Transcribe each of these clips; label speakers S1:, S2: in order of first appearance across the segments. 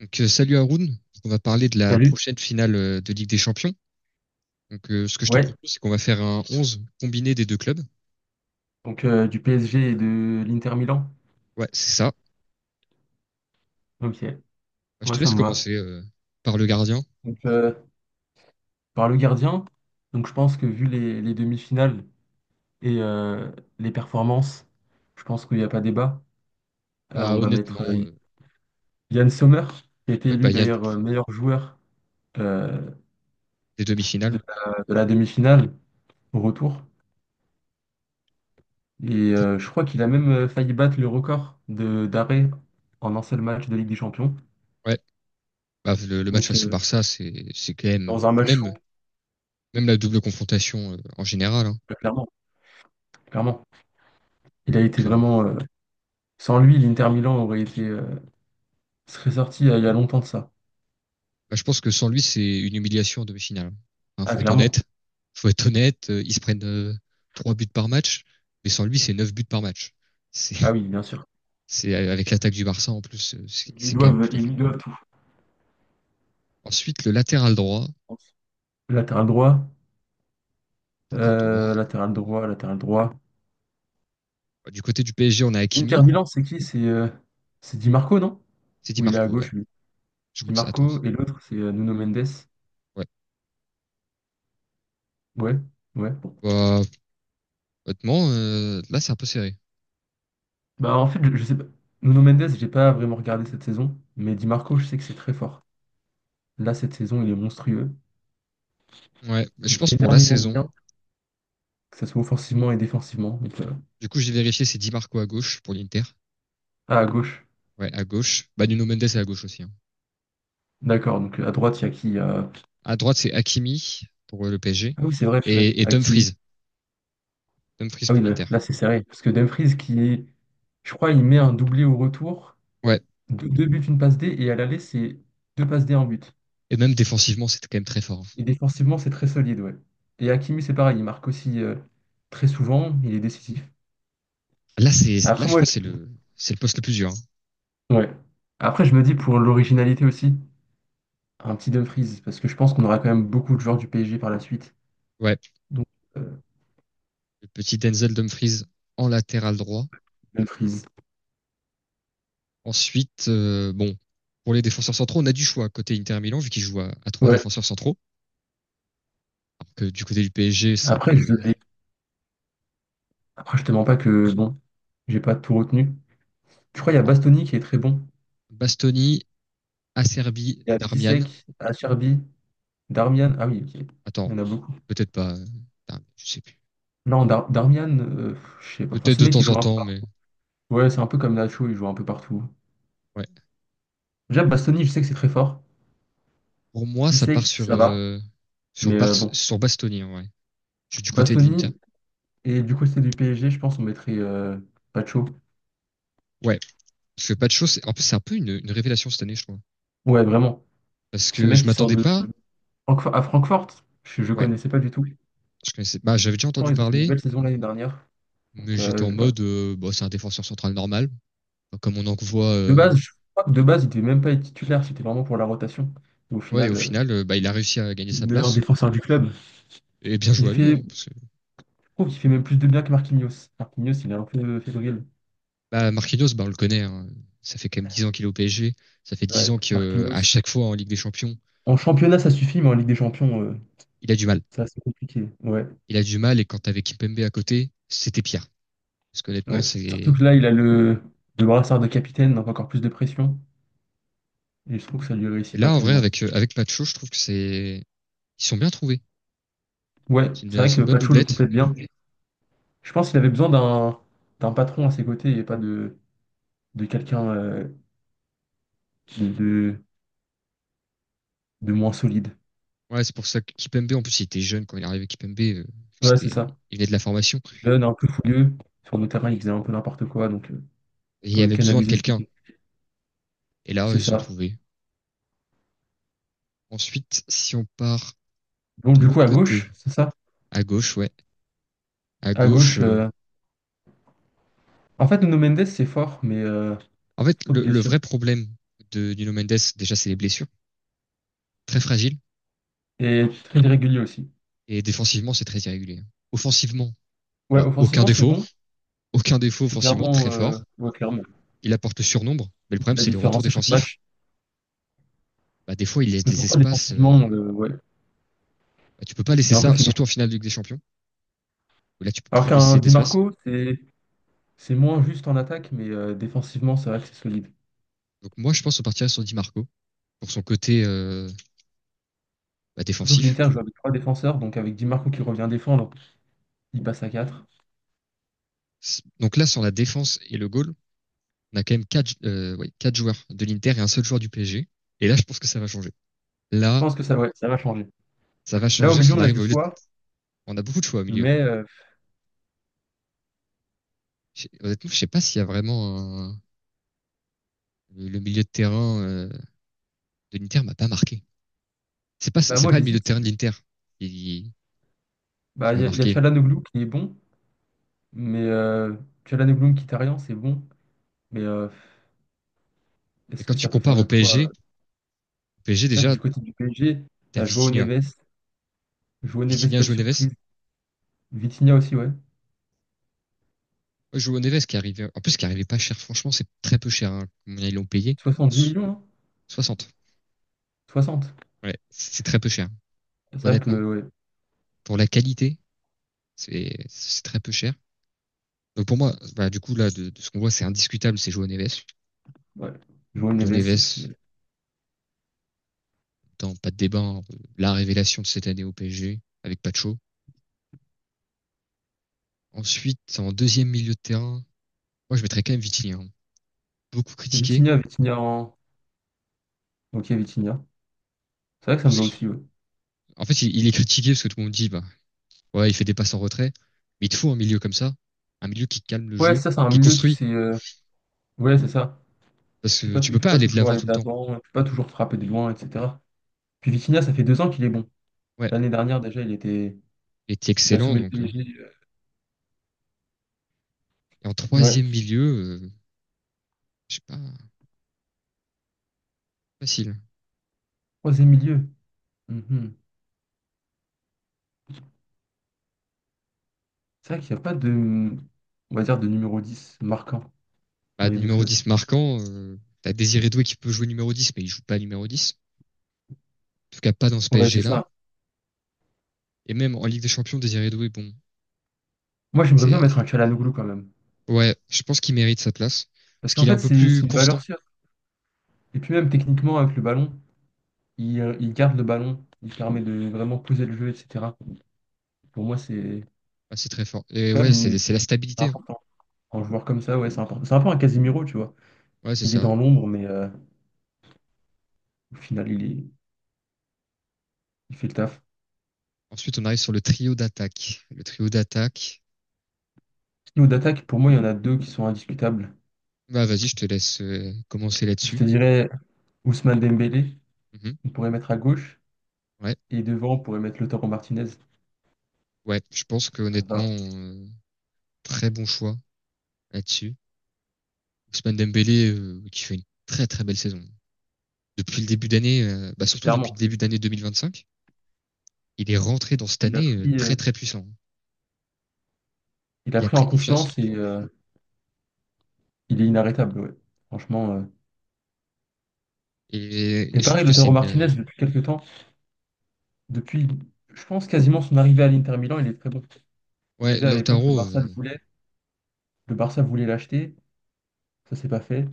S1: Salut Haroun. On va parler de la
S2: Salut.
S1: prochaine finale de Ligue des Champions. Ce que je te
S2: Ouais,
S1: propose, c'est qu'on va faire un 11 combiné des deux clubs.
S2: donc du PSG et de l'Inter Milan.
S1: Ouais, c'est ça.
S2: Ok,
S1: Je
S2: moi
S1: te
S2: ça
S1: laisse
S2: me va.
S1: commencer par le gardien.
S2: Donc par le gardien, donc je pense que vu les demi-finales et les performances, je pense qu'il n'y a pas débat. Euh,
S1: Bah,
S2: on va mettre
S1: honnêtement, euh,
S2: Yann Sommer, qui a été
S1: oui,
S2: élu
S1: il y a
S2: d'ailleurs meilleur joueur euh,
S1: des demi-finales.
S2: de la demi-finale au retour. Et je crois qu'il a même failli battre le record de d'arrêt en un seul match de Ligue des Champions.
S1: Ouais, bah, le match
S2: Donc
S1: face au Barça, c'est quand
S2: dans un
S1: même,
S2: match fou,
S1: même la double confrontation en général, hein.
S2: clairement, clairement. Il a été
S1: Donc, euh,
S2: vraiment. Sans lui, l'Inter Milan aurait serait sorti il y a longtemps de ça.
S1: je pense que sans lui, c'est une humiliation en demi-finale. Hein,
S2: Ah,
S1: faut être
S2: clairement.
S1: honnête. Faut être honnête. Ils se prennent 3 buts par match, mais sans lui, c'est 9 buts par match. C'est
S2: Ah oui, bien sûr.
S1: C'est avec l'attaque du Barça en plus, c'est
S2: Ils lui
S1: quand même
S2: doivent,
S1: plutôt
S2: ils
S1: fort.
S2: lui doivent tout, je
S1: Ensuite, le latéral droit.
S2: pense. Latéral droit,
S1: Latéral droit.
S2: latéral droit, latéral droit.
S1: Du côté du PSG, on a
S2: L'Inter
S1: Hakimi.
S2: Milan, c'est qui? C'est Di Marco, non?
S1: C'est Di
S2: Ou il est à
S1: Marco, ouais.
S2: gauche, lui.
S1: Je crois
S2: Di
S1: que c'est. Attends.
S2: Marco, et l'autre, c'est Nuno Mendes.
S1: Ouais.
S2: Ouais, ouais.
S1: Bah, là, c'est un peu serré.
S2: Bah, en fait, je sais pas. Nuno Mendes, j'ai pas vraiment regardé cette saison, mais Di Marco, je sais que c'est très fort. Là, cette saison, il est monstrueux.
S1: Ouais. Mais
S2: Il
S1: je pense
S2: fait
S1: pour la
S2: énormément de
S1: saison.
S2: bien, que ce soit offensivement et défensivement. Donc,
S1: Du coup, j'ai vérifié, c'est Di Marco à gauche pour l'Inter.
S2: ah, à gauche.
S1: Ouais, à gauche. Bah, Nuno Mendes est à gauche aussi, hein.
S2: D'accord, donc à droite, il y a qui?
S1: À droite, c'est Hakimi pour le PSG.
S2: Ah oui, c'est vrai, purée.
S1: Et
S2: À qui...
S1: Dumfries. Dumfries
S2: Ah oui,
S1: pour l'Inter.
S2: là, c'est serré. Parce que Dumfries, qui, est, je crois, il met un doublé au retour,
S1: Ouais.
S2: deux buts, une passe D, et à l'aller, c'est deux passes D, un but.
S1: Et même défensivement, c'était quand même très fort, hein.
S2: Et défensivement, c'est très solide, ouais. Et Hakimi, c'est pareil, il marque aussi très souvent, il est décisif.
S1: Là,
S2: Après,
S1: je
S2: moi,
S1: pense que c'est c'est le poste le plus dur, hein.
S2: je... ouais. Après, je me dis pour l'originalité aussi, un petit Dumfries, parce que je pense qu'on aura quand même beaucoup de joueurs du PSG par la suite.
S1: Ouais.
S2: Donc, euh,
S1: Le petit Denzel Dumfries en latéral droit.
S2: Dumfries.
S1: Ensuite, euh, bon, pour les défenseurs centraux, on a du choix côté Inter Milan, vu qu'ils jouent à trois
S2: Ouais.
S1: défenseurs centraux. Alors que du côté du PSG, c'est un
S2: Après,
S1: peu
S2: je... Après, je te mens pas que, bon, j'ai pas tout retenu. Je crois qu'il y a
S1: alors,
S2: Bastoni qui est très bon.
S1: Bastoni, Acerbi,
S2: Il y a
S1: Darmian.
S2: Bissek, Acerbi, Darmian. Ah oui, ok. Il
S1: Attends,
S2: y en a beaucoup.
S1: peut-être pas. Darmian, je sais plus.
S2: Non, Darmian, je sais pas. Enfin,
S1: Peut-être
S2: ce
S1: de
S2: mec, il
S1: temps en
S2: joue un peu
S1: temps,
S2: partout.
S1: mais
S2: Ouais, c'est un peu comme Nacho, il joue un peu partout.
S1: ouais.
S2: Déjà, Bastoni, je sais que c'est très fort.
S1: Pour moi, ça
S2: Bissek,
S1: part
S2: ça va.
S1: sur
S2: Mais
S1: Bar
S2: bon,
S1: sur Bastoni, en vrai. Du côté de l'Inter.
S2: Bastoni, et du côté du PSG, je pense on mettrait Pacho.
S1: Ouais, parce que pas de c'est en plus c'est un peu une révélation cette année, je crois.
S2: Ouais, vraiment.
S1: Parce
S2: Ce
S1: que
S2: mec,
S1: je
S2: il sort
S1: m'attendais
S2: de
S1: pas.
S2: À Francfort. Je ne
S1: Ouais,
S2: connaissais pas du tout.
S1: je connaissais. Bah, j'avais déjà
S2: Pourtant,
S1: entendu
S2: ils ont fait une
S1: parler.
S2: belle saison l'année dernière.
S1: Mais
S2: Donc,
S1: j'étais en
S2: voilà.
S1: mode, bah, c'est un défenseur central normal. Enfin, comme on en voit.
S2: De base, je crois que de base, il devait même pas être titulaire. C'était vraiment pour la rotation. Et au
S1: Ouais, et au
S2: final,
S1: final, bah, il a réussi à gagner sa
S2: meilleur
S1: place.
S2: défenseur du club.
S1: Et bien joué
S2: Il
S1: à lui,
S2: fait, je
S1: hein, parce que
S2: trouve qu'il fait même plus de bien que Marquinhos. Marquinhos, il est un peu fébrile.
S1: bah, Marquinhos, bah, on le connaît, hein. Ça fait quand même 10 ans qu'il est au PSG. Ça fait dix
S2: Ouais,
S1: ans que à
S2: Marquinhos.
S1: chaque fois en Ligue des Champions,
S2: En championnat, ça suffit, mais en Ligue des Champions,
S1: il a du mal.
S2: c'est assez compliqué. Ouais,
S1: Il a du mal, et quand t'avais Kimpembe à côté, c'était pire. Parce qu'honnêtement,
S2: ouais. Surtout
S1: c'est.
S2: que là, il a le brassard de capitaine, donc encore plus de pression. Et je trouve que ça lui
S1: Et
S2: réussit pas
S1: là, en vrai,
S2: tellement.
S1: avec, avec Nacho, je trouve que c'est. Ils sont bien trouvés.
S2: Ouais, c'est vrai
S1: C'est
S2: que
S1: une bonne
S2: Pacho le
S1: doublette.
S2: complète bien. Je pense qu'il avait besoin d'un patron à ses côtés et pas de quelqu'un qui- de, de moins solide.
S1: Ouais, c'est pour ça que Kimpembe, en plus, il était jeune quand il est arrivé Kimpembe,
S2: Ouais, c'est
S1: c'était.
S2: ça.
S1: Il venait de la formation.
S2: Jeune, un peu fougueux. Sur le terrain, il faisait un peu n'importe quoi, donc,
S1: Et il
S2: pour le
S1: avait besoin de
S2: canaliser. C'est
S1: quelqu'un. Et là,
S2: c'est
S1: ils ont
S2: ça.
S1: trouvé. Ensuite, si on part
S2: Donc,
S1: de
S2: du coup,
S1: l'autre
S2: à gauche,
S1: côté,
S2: c'est ça?
S1: à gauche, ouais, à
S2: À
S1: gauche.
S2: gauche. En fait, Nuno Mendes, c'est fort, mais
S1: En fait,
S2: trop de
S1: le
S2: blessures.
S1: vrai problème de Nuno Mendes, déjà, c'est les blessures, très fragiles,
S2: Et très irrégulier aussi.
S1: et défensivement, c'est très irrégulier. Offensivement,
S2: Ouais,
S1: alors aucun
S2: offensivement, c'est
S1: défaut,
S2: bon.
S1: aucun défaut
S2: C'est
S1: offensivement,
S2: clairement,
S1: très fort.
S2: ouais, clairement.
S1: Il apporte le surnombre, mais le
S2: Il fait
S1: problème,
S2: la
S1: c'est le retour
S2: différence à chaque
S1: défensif.
S2: match.
S1: Bah, des fois, il laisse
S2: Mais
S1: des
S2: pourquoi
S1: espaces.
S2: défensivement, ouais,
S1: Bah, tu peux pas
S2: il
S1: laisser
S2: est un peu
S1: ça,
S2: fini.
S1: surtout en finale de Ligue des Champions. Là, tu peux
S2: Alors
S1: plus
S2: qu'un
S1: laisser
S2: Di
S1: d'espace.
S2: Marco, c'est moins juste en attaque, mais défensivement, c'est vrai que c'est solide.
S1: Donc moi, je pense qu'on partirait sur Di Marco pour son côté bah,
S2: Surtout que
S1: défensif.
S2: l'Inter joue avec trois défenseurs, donc avec Di Marco qui revient défendre, il passe à quatre.
S1: Donc là, sur la défense et le goal, on a quand même 4, ouais, 4 joueurs de l'Inter et un seul joueur du PSG. Et là, je pense que ça va changer.
S2: Je
S1: Là,
S2: pense que ça, ouais, ça va changer.
S1: ça va
S2: Là, au
S1: changer parce
S2: milieu,
S1: qu'on
S2: on a
S1: arrive
S2: du
S1: au milieu. De...
S2: choix,
S1: On a beaucoup de choix au milieu.
S2: mais
S1: Honnêtement, je sais pas s'il y a vraiment un- Le milieu de terrain de l'Inter m'a pas marqué.
S2: bah,
S1: C'est
S2: moi,
S1: pas le milieu
S2: j'hésite.
S1: de terrain de l'Inter qui, qui
S2: Bah, il
S1: m'a
S2: y a, y a
S1: marqué.
S2: Çalhanoğlu qui est bon, mais Çalhanoğlu Mkhitaryan, c'est bon, mais
S1: Mais
S2: est-ce
S1: quand
S2: que
S1: tu
S2: ça peut faire
S1: compares au
S2: le poids?
S1: PSG, au PSG
S2: C'est vrai que
S1: déjà
S2: du côté du PSG,
S1: t'as
S2: t'as Joao
S1: Vitinha,
S2: Neves, Joao Neves,
S1: Vitinha
S2: belle
S1: joue Neves.
S2: surprise. Vitinha aussi, ouais.
S1: Ouais, Neves qui est en plus qui arrivait pas cher. Franchement, c'est très peu cher, hein. Ils l'ont payé?
S2: soixante dix
S1: So-
S2: millions, hein,
S1: 60.
S2: 60.
S1: Ouais, c'est très peu cher.
S2: C'est vrai que,
S1: Honnêtement,
S2: ouais,
S1: pour la qualité C'est très peu cher. Donc pour moi, bah, du coup, là, de ce qu'on voit, c'est indiscutable, c'est Joao Neves.
S2: ouais. Joao
S1: Joao
S2: Neves, et puis
S1: Neves, dans pas de débat, hein, la révélation de cette année au PSG, avec Pacho. Ensuite, en deuxième milieu de terrain, moi, je mettrais quand même Vitinha, hein. Beaucoup critiqué.
S2: Vitinha, Vitinha en... Ok, Vitinha. C'est vrai que ça me
S1: Parce
S2: va
S1: que-
S2: aussi, ouais.
S1: En fait, il est critiqué parce que tout le monde dit, bah, ouais, il fait des passes en retrait. Mais il te faut un milieu comme ça, un milieu qui calme le
S2: Ouais,
S1: jeu,
S2: ça, c'est un
S1: qui
S2: milieu qui
S1: construit.
S2: s'est... Ouais, c'est ça.
S1: Parce
S2: Il
S1: que
S2: peut pas,
S1: tu
S2: tou- il
S1: peux
S2: peut
S1: pas
S2: pas
S1: aller de
S2: toujours
S1: l'avant
S2: aller
S1: tout
S2: de
S1: le temps.
S2: l'avant, il peut pas toujours frapper de loin, etc. Puis Vitinha, ça fait 2 ans qu'il est bon.
S1: Ouais,
S2: L'année dernière, déjà, il était...
S1: il était
S2: Il a
S1: excellent,
S2: sauvé le
S1: donc.
S2: PSG.
S1: Et en
S2: Ouais,
S1: troisième milieu, je sais pas, facile.
S2: troisième milieu. Mhm. C'est vrai qu'il n'y a pas de, on va dire, de numéro 10 marquant dans
S1: Bah, de
S2: les deux
S1: numéro
S2: clubs.
S1: 10 marquant, t'as Désiré Doué qui peut jouer numéro 10, mais il joue pas numéro 10. En tout cas, pas dans ce
S2: Ouais, c'est
S1: PSG-là.
S2: ça.
S1: Et même en Ligue des Champions, Désiré Doué, bon,
S2: Moi, j'aimerais bien
S1: c'est,
S2: mettre un Çalhanoğlu quand même.
S1: ouais, je pense qu'il mérite sa place. Parce
S2: Parce qu'en
S1: qu'il est un
S2: fait,
S1: peu
S2: c'est
S1: plus
S2: c'est une
S1: constant.
S2: valeur sûre. Et puis même techniquement, avec le ballon, il garde le ballon, il permet de vraiment poser le jeu, etc. Pour moi, c'est
S1: Ah, c'est très fort. Et
S2: quand
S1: ouais,
S2: même
S1: c'est la
S2: c'est
S1: stabilité, hein.
S2: important. Un joueur comme ça, ouais, c'est important. C'est un peu un Casemiro, tu vois.
S1: Ouais, c'est
S2: Il est
S1: ça.
S2: dans l'ombre, mais au final, il fait le taf.
S1: Ensuite, on arrive sur le trio d'attaque. Le trio d'attaque.
S2: Sinon, d'attaque, pour moi, il y en a deux qui sont indiscutables.
S1: Bah, vas-y, je te laisse commencer
S2: Je
S1: là-dessus.
S2: te dirais Ousmane Dembélé.
S1: Mhm.
S2: On pourrait mettre à gauche,
S1: Ouais.
S2: et devant, on pourrait mettre Lautaro Martinez.
S1: Ouais. Je pense que
S2: Ça va,
S1: très bon choix là-dessus. Ousmane Dembélé, qui fait une très très belle saison depuis le début d'année, bah, surtout depuis
S2: clairement,
S1: le début d'année 2025, il est rentré dans cette
S2: il a
S1: année
S2: pris, euh,
S1: très très puissant.
S2: il a
S1: Il a
S2: pris
S1: pris
S2: en
S1: confiance
S2: confiance et il est inarrêtable. Ouais. Franchement. Et
S1: et je trouve
S2: pareil,
S1: que
S2: Lautaro Martinez, depuis quelques temps, depuis, je pense, quasiment son arrivée à l'Inter Milan, il est très bon.
S1: ouais,
S2: Déjà à l'époque,
S1: Lautaro,
S2: le Barça le voulait. Le Barça voulait l'acheter. Ça s'est pas fait.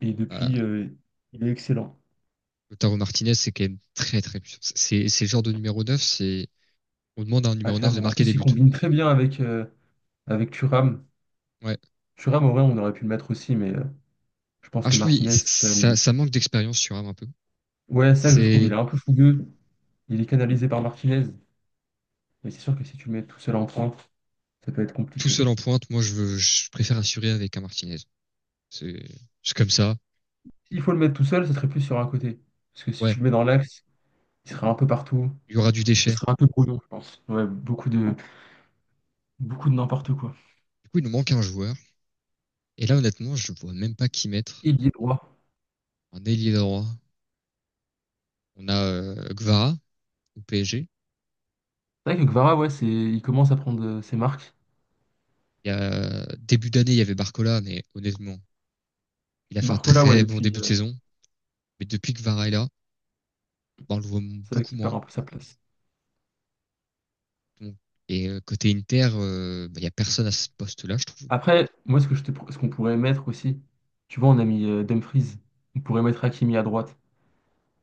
S2: Et
S1: bah,
S2: depuis, il est excellent.
S1: Lautaro Martinez, c'est quand même très très puissant. C'est le genre de numéro 9, c'est, on demande à un
S2: Ah,
S1: numéro 9 de
S2: clairement. En
S1: marquer des
S2: plus, il
S1: buts.
S2: combine très bien avec Thuram.
S1: Ouais.
S2: Thuram, en vrai, on aurait pu le mettre aussi, mais je pense que Martinez, c'est quand
S1: Ça,
S2: même.
S1: ça manque d'expérience sur Ham un peu.
S2: Ouais, ça que je trouve, il
S1: C'est
S2: est un peu fougueux. Il est canalisé par Martinez, mais c'est sûr que si tu le mets tout seul en pointe, ça peut être
S1: Tout
S2: compliqué.
S1: seul en pointe. Moi, je préfère assurer avec un Martinez. C'est, c'est comme ça.
S2: S'il faut le mettre tout seul, ça serait plus sur un côté. Parce que si
S1: Ouais.
S2: tu le mets dans l'axe, il serait un peu partout.
S1: Il y aura du
S2: Ça
S1: déchet. Du
S2: serait un peu brouillon, je pense. Ouais, beaucoup de n'importe quoi.
S1: coup, il nous manque un joueur. Et là, honnêtement, je vois même pas qui mettre.
S2: Ailier droit.
S1: Un ailier droit. On a Gvara au PSG.
S2: C'est vrai que Kvara, ouais, il commence à prendre ses marques.
S1: Il y a, début d'année, il y avait Barcola, mais honnêtement, il a fait un
S2: Barcola, ouais,
S1: très bon
S2: depuis,
S1: début de saison. Mais depuis que Gvara est là, bah, on le voit
S2: c'est vrai
S1: beaucoup
S2: qu'il perd
S1: moins.
S2: un peu sa place.
S1: Donc, côté Inter, bah, il y a personne à ce poste-là, je trouve.
S2: Après, moi, ce que ce qu'on pourrait mettre aussi, tu vois, on a mis Dumfries. On pourrait mettre Hakimi à droite.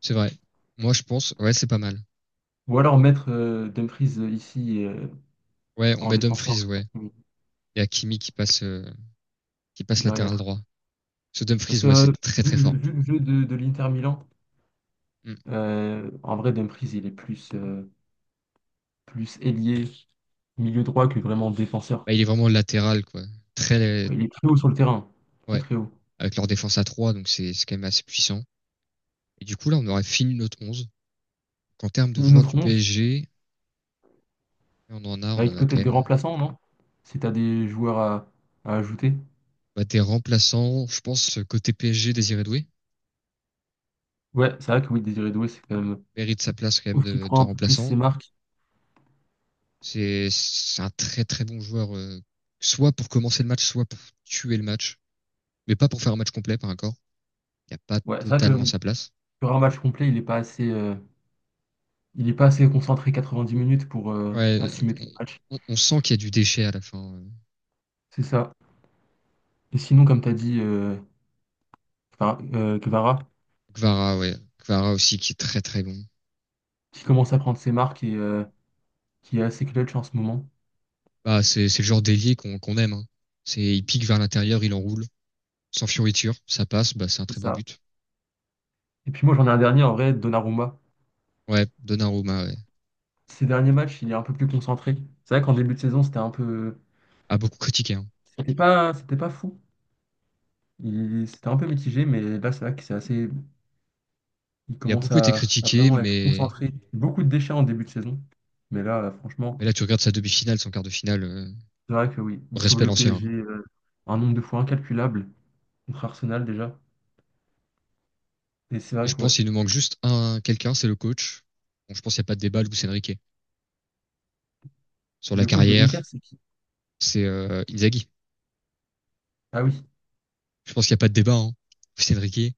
S1: C'est vrai. Moi, je pense, ouais, c'est pas mal.
S2: Ou alors mettre Dumfries ici,
S1: Ouais, on
S2: en
S1: met
S2: défenseur,
S1: Dumfries, ouais.
S2: Hakimi
S1: Il y a Kimi qui passe latéral
S2: derrière.
S1: droit. Ce
S2: Parce
S1: Dumfries,
S2: que
S1: ouais, c'est très
S2: vu
S1: très fort.
S2: le jeu de l'Inter Milan,
S1: Mm.
S2: en vrai, Dumfries, il est plus ailier, milieu droit que vraiment défenseur.
S1: Bah, il est vraiment latéral, quoi. Très,
S2: Ouais, il est très haut sur le terrain, très
S1: ouais,
S2: très haut.
S1: avec leur défense à 3 donc c'est quand même assez puissant. Et du coup, là, on aurait fini notre 11 qu'en termes de
S2: Fini
S1: joueurs
S2: notre
S1: du
S2: 11,
S1: PSG, on en
S2: avec
S1: a
S2: peut-être
S1: quand
S2: des
S1: même.
S2: remplaçants, non? Si t'as des joueurs à ajouter.
S1: Bah, des remplaçants, je pense, côté PSG, Désiré Doué
S2: Ouais, c'est vrai que oui, Désiré Doué, c'est quand même...
S1: mérite sa place quand même
S2: Sauf qu'il prend
S1: de
S2: un peu plus ses
S1: remplaçant.
S2: marques.
S1: C'est un très très bon joueur, soit pour commencer le match, soit pour tuer le match, mais pas pour faire un match complet par encore. Il n'y a pas
S2: Ouais, c'est vrai que
S1: totalement
S2: oui,
S1: sa place.
S2: sur un match complet, il n'est pas assez, il est pas assez concentré 90 minutes pour
S1: Ouais,
S2: assumer tout le match.
S1: on, on sent qu'il y a du déchet à la fin.
S2: C'est ça. Et sinon, comme tu as dit, Kvara,
S1: Kvara, ouais. Kvara aussi qui est très très bon.
S2: qui commence à prendre ses marques et qui est assez clutch en ce moment.
S1: Bah, c'est le genre d'ailier qu'on aime, hein. C'est il pique vers l'intérieur, il enroule, sans fioriture, ça passe, bah c'est un
S2: C'est
S1: très beau
S2: ça.
S1: but.
S2: Et puis moi, j'en ai un dernier en vrai, Donnarumma.
S1: Ouais, Donnarumma ouais.
S2: Ces derniers matchs, il est un peu plus concentré. C'est vrai qu'en début de saison, c'était un peu.
S1: A beaucoup critiqué, hein.
S2: C'était pas fou. Il... C'était un peu mitigé, mais là, c'est vrai que c'est assez. Il
S1: Il a
S2: commence
S1: beaucoup été
S2: à
S1: critiqué,
S2: vraiment être concentré. Beaucoup de déchets en début de saison. Mais là, franchement,
S1: mais là tu regardes sa demi-finale, son quart de finale,
S2: c'est vrai que oui, il sauve
S1: respect
S2: le
S1: l'ancien, hein.
S2: PSG un nombre de fois incalculable contre Arsenal déjà. Et c'est
S1: Et
S2: vrai
S1: je
S2: que
S1: pense
S2: ouais.
S1: qu'il nous manque juste un quelqu'un, c'est le coach. Bon, je pense qu'il n'y a pas de débat, Luis Enrique. Sur la
S2: Le coach de l'Inter,
S1: carrière,
S2: c'est qui?
S1: c'est Inzaghi.
S2: Ah oui,
S1: Je pense qu'il n'y a pas de débat, hein. Luis Enrique,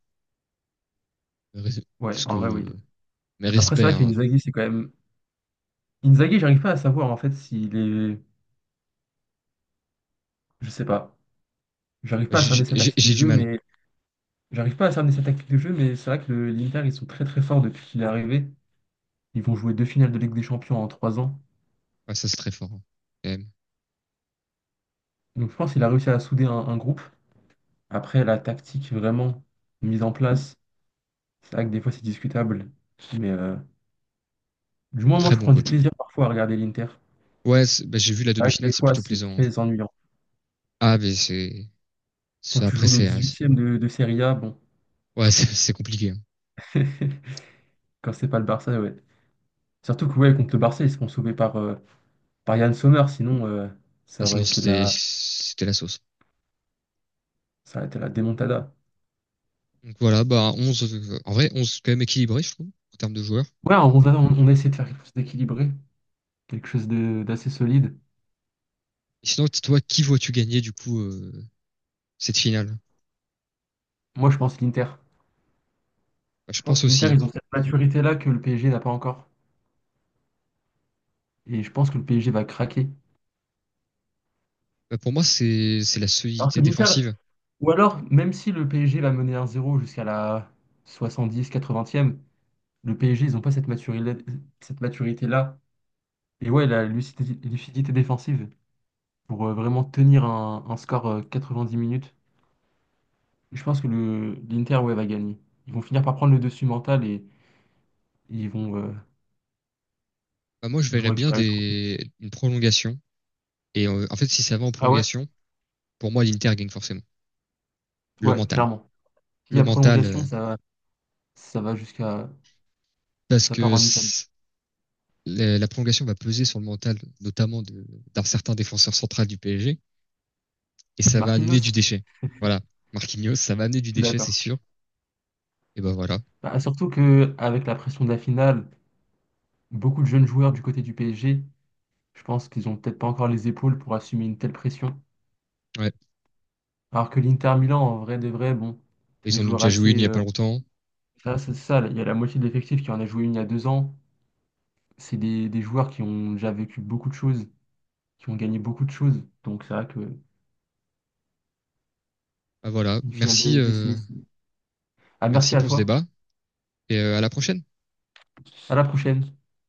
S2: ouais,
S1: parce
S2: en vrai, oui.
S1: que mais
S2: Après, c'est
S1: respect,
S2: vrai que
S1: hein.
S2: Inzaghi, c'est quand même Inzaghi, j'arrive pas à savoir en fait s'il est. Je sais pas. J'arrive pas à cerner sa tactique de
S1: J'ai du
S2: jeu,
S1: mal.
S2: mais j'arrive pas à cerner sa tactique de jeu, mais c'est vrai que l'Inter, ils sont très très forts depuis qu'il est arrivé. Ils vont jouer deux finales de Ligue des Champions en 3 ans.
S1: Ouais, ça c'est très fort, hein, quand même.
S2: Donc je pense qu'il a réussi à souder un groupe. Après, la tactique vraiment mise en place, c'est vrai que des fois c'est discutable. Mais du moins, moi
S1: Très
S2: je
S1: bon
S2: prends du
S1: coach.
S2: plaisir parfois à regarder l'Inter.
S1: Ouais, bah, j'ai vu la
S2: C'est vrai que
S1: demi-finale,
S2: des
S1: c'est
S2: fois
S1: plutôt
S2: c'est
S1: plaisant, hein.
S2: très ennuyant.
S1: Ah, mais
S2: Quand tu
S1: après
S2: joues le
S1: c'est
S2: 18e de Serie A, bon,
S1: ouais, c'est compliqué, hein.
S2: quand c'est pas le Barça, ouais. Surtout que ouais, contre le Barça, ils se font sauver par Yann Sommer, sinon
S1: Ah,
S2: ça aurait
S1: sinon,
S2: été la,
S1: c'était la sauce.
S2: ça aurait été la démontada.
S1: Donc voilà, bah, 11, en vrai, 11 quand même équilibré, je trouve, en termes de joueurs.
S2: Ouais, on a essayé de faire quelque chose d'équilibré, quelque chose d'assez solide.
S1: Et sinon, toi, qui vois-tu gagner, du coup, cette finale?
S2: Moi, je pense l'Inter.
S1: Bah, je
S2: Je pense
S1: pense
S2: que l'Inter,
S1: aussi.
S2: ils ont cette maturité-là que le PSG n'a pas encore. Et je pense que le PSG va craquer.
S1: Bah, pour moi, c'est la
S2: Alors
S1: solidité
S2: que l'Inter,
S1: défensive.
S2: ou alors, même si le PSG va mener 1-0 jusqu'à la 70e-80e, le PSG, ils n'ont pas cette maturité, cette maturité-là. Et ouais, la lucidité défensive pour vraiment tenir un score 10 minutes. Je pense que le l'Inter ouais, va gagner. Ils vont finir par prendre le dessus mental et ils vont, euh,
S1: Je
S2: ils vont
S1: verrais bien
S2: récupérer le trophée.
S1: une prolongation. En fait, si ça va en
S2: Ah ouais?
S1: prolongation, pour moi, l'Inter gagne forcément. Le
S2: Ouais,
S1: mental.
S2: clairement. S'il y
S1: Le
S2: a
S1: mental,
S2: prolongation, ça va jusqu'à...
S1: parce
S2: Ça part
S1: que
S2: en Italie.
S1: c- la prolongation va peser sur le mental, notamment d'un certain défenseur central du PSG, et ça va amener du
S2: Marquinhos?
S1: déchet. Voilà. Marquinhos, ça va amener du
S2: Je suis
S1: déchet, c'est
S2: d'accord.
S1: sûr. Et ben voilà.
S2: Bah, surtout que avec la pression de la finale, beaucoup de jeunes joueurs du côté du PSG, je pense qu'ils ont peut-être pas encore les épaules pour assumer une telle pression.
S1: Ouais.
S2: Alors que l'Inter Milan, en vrai de vrai, bon, c'est des
S1: Ils en ont
S2: joueurs
S1: déjà joué une
S2: assez...
S1: il y a pas longtemps.
S2: ça, c'est ça, il y a la moitié de l'effectif qui en a joué une il y a 2 ans. C'est des joueurs qui ont déjà vécu beaucoup de choses qui ont gagné beaucoup de choses. Donc c'est vrai que
S1: Ben voilà.
S2: une finale de
S1: Merci,
S2: LDC. Ah, merci
S1: merci
S2: à
S1: pour ce
S2: toi.
S1: débat et à la prochaine.
S2: À la prochaine.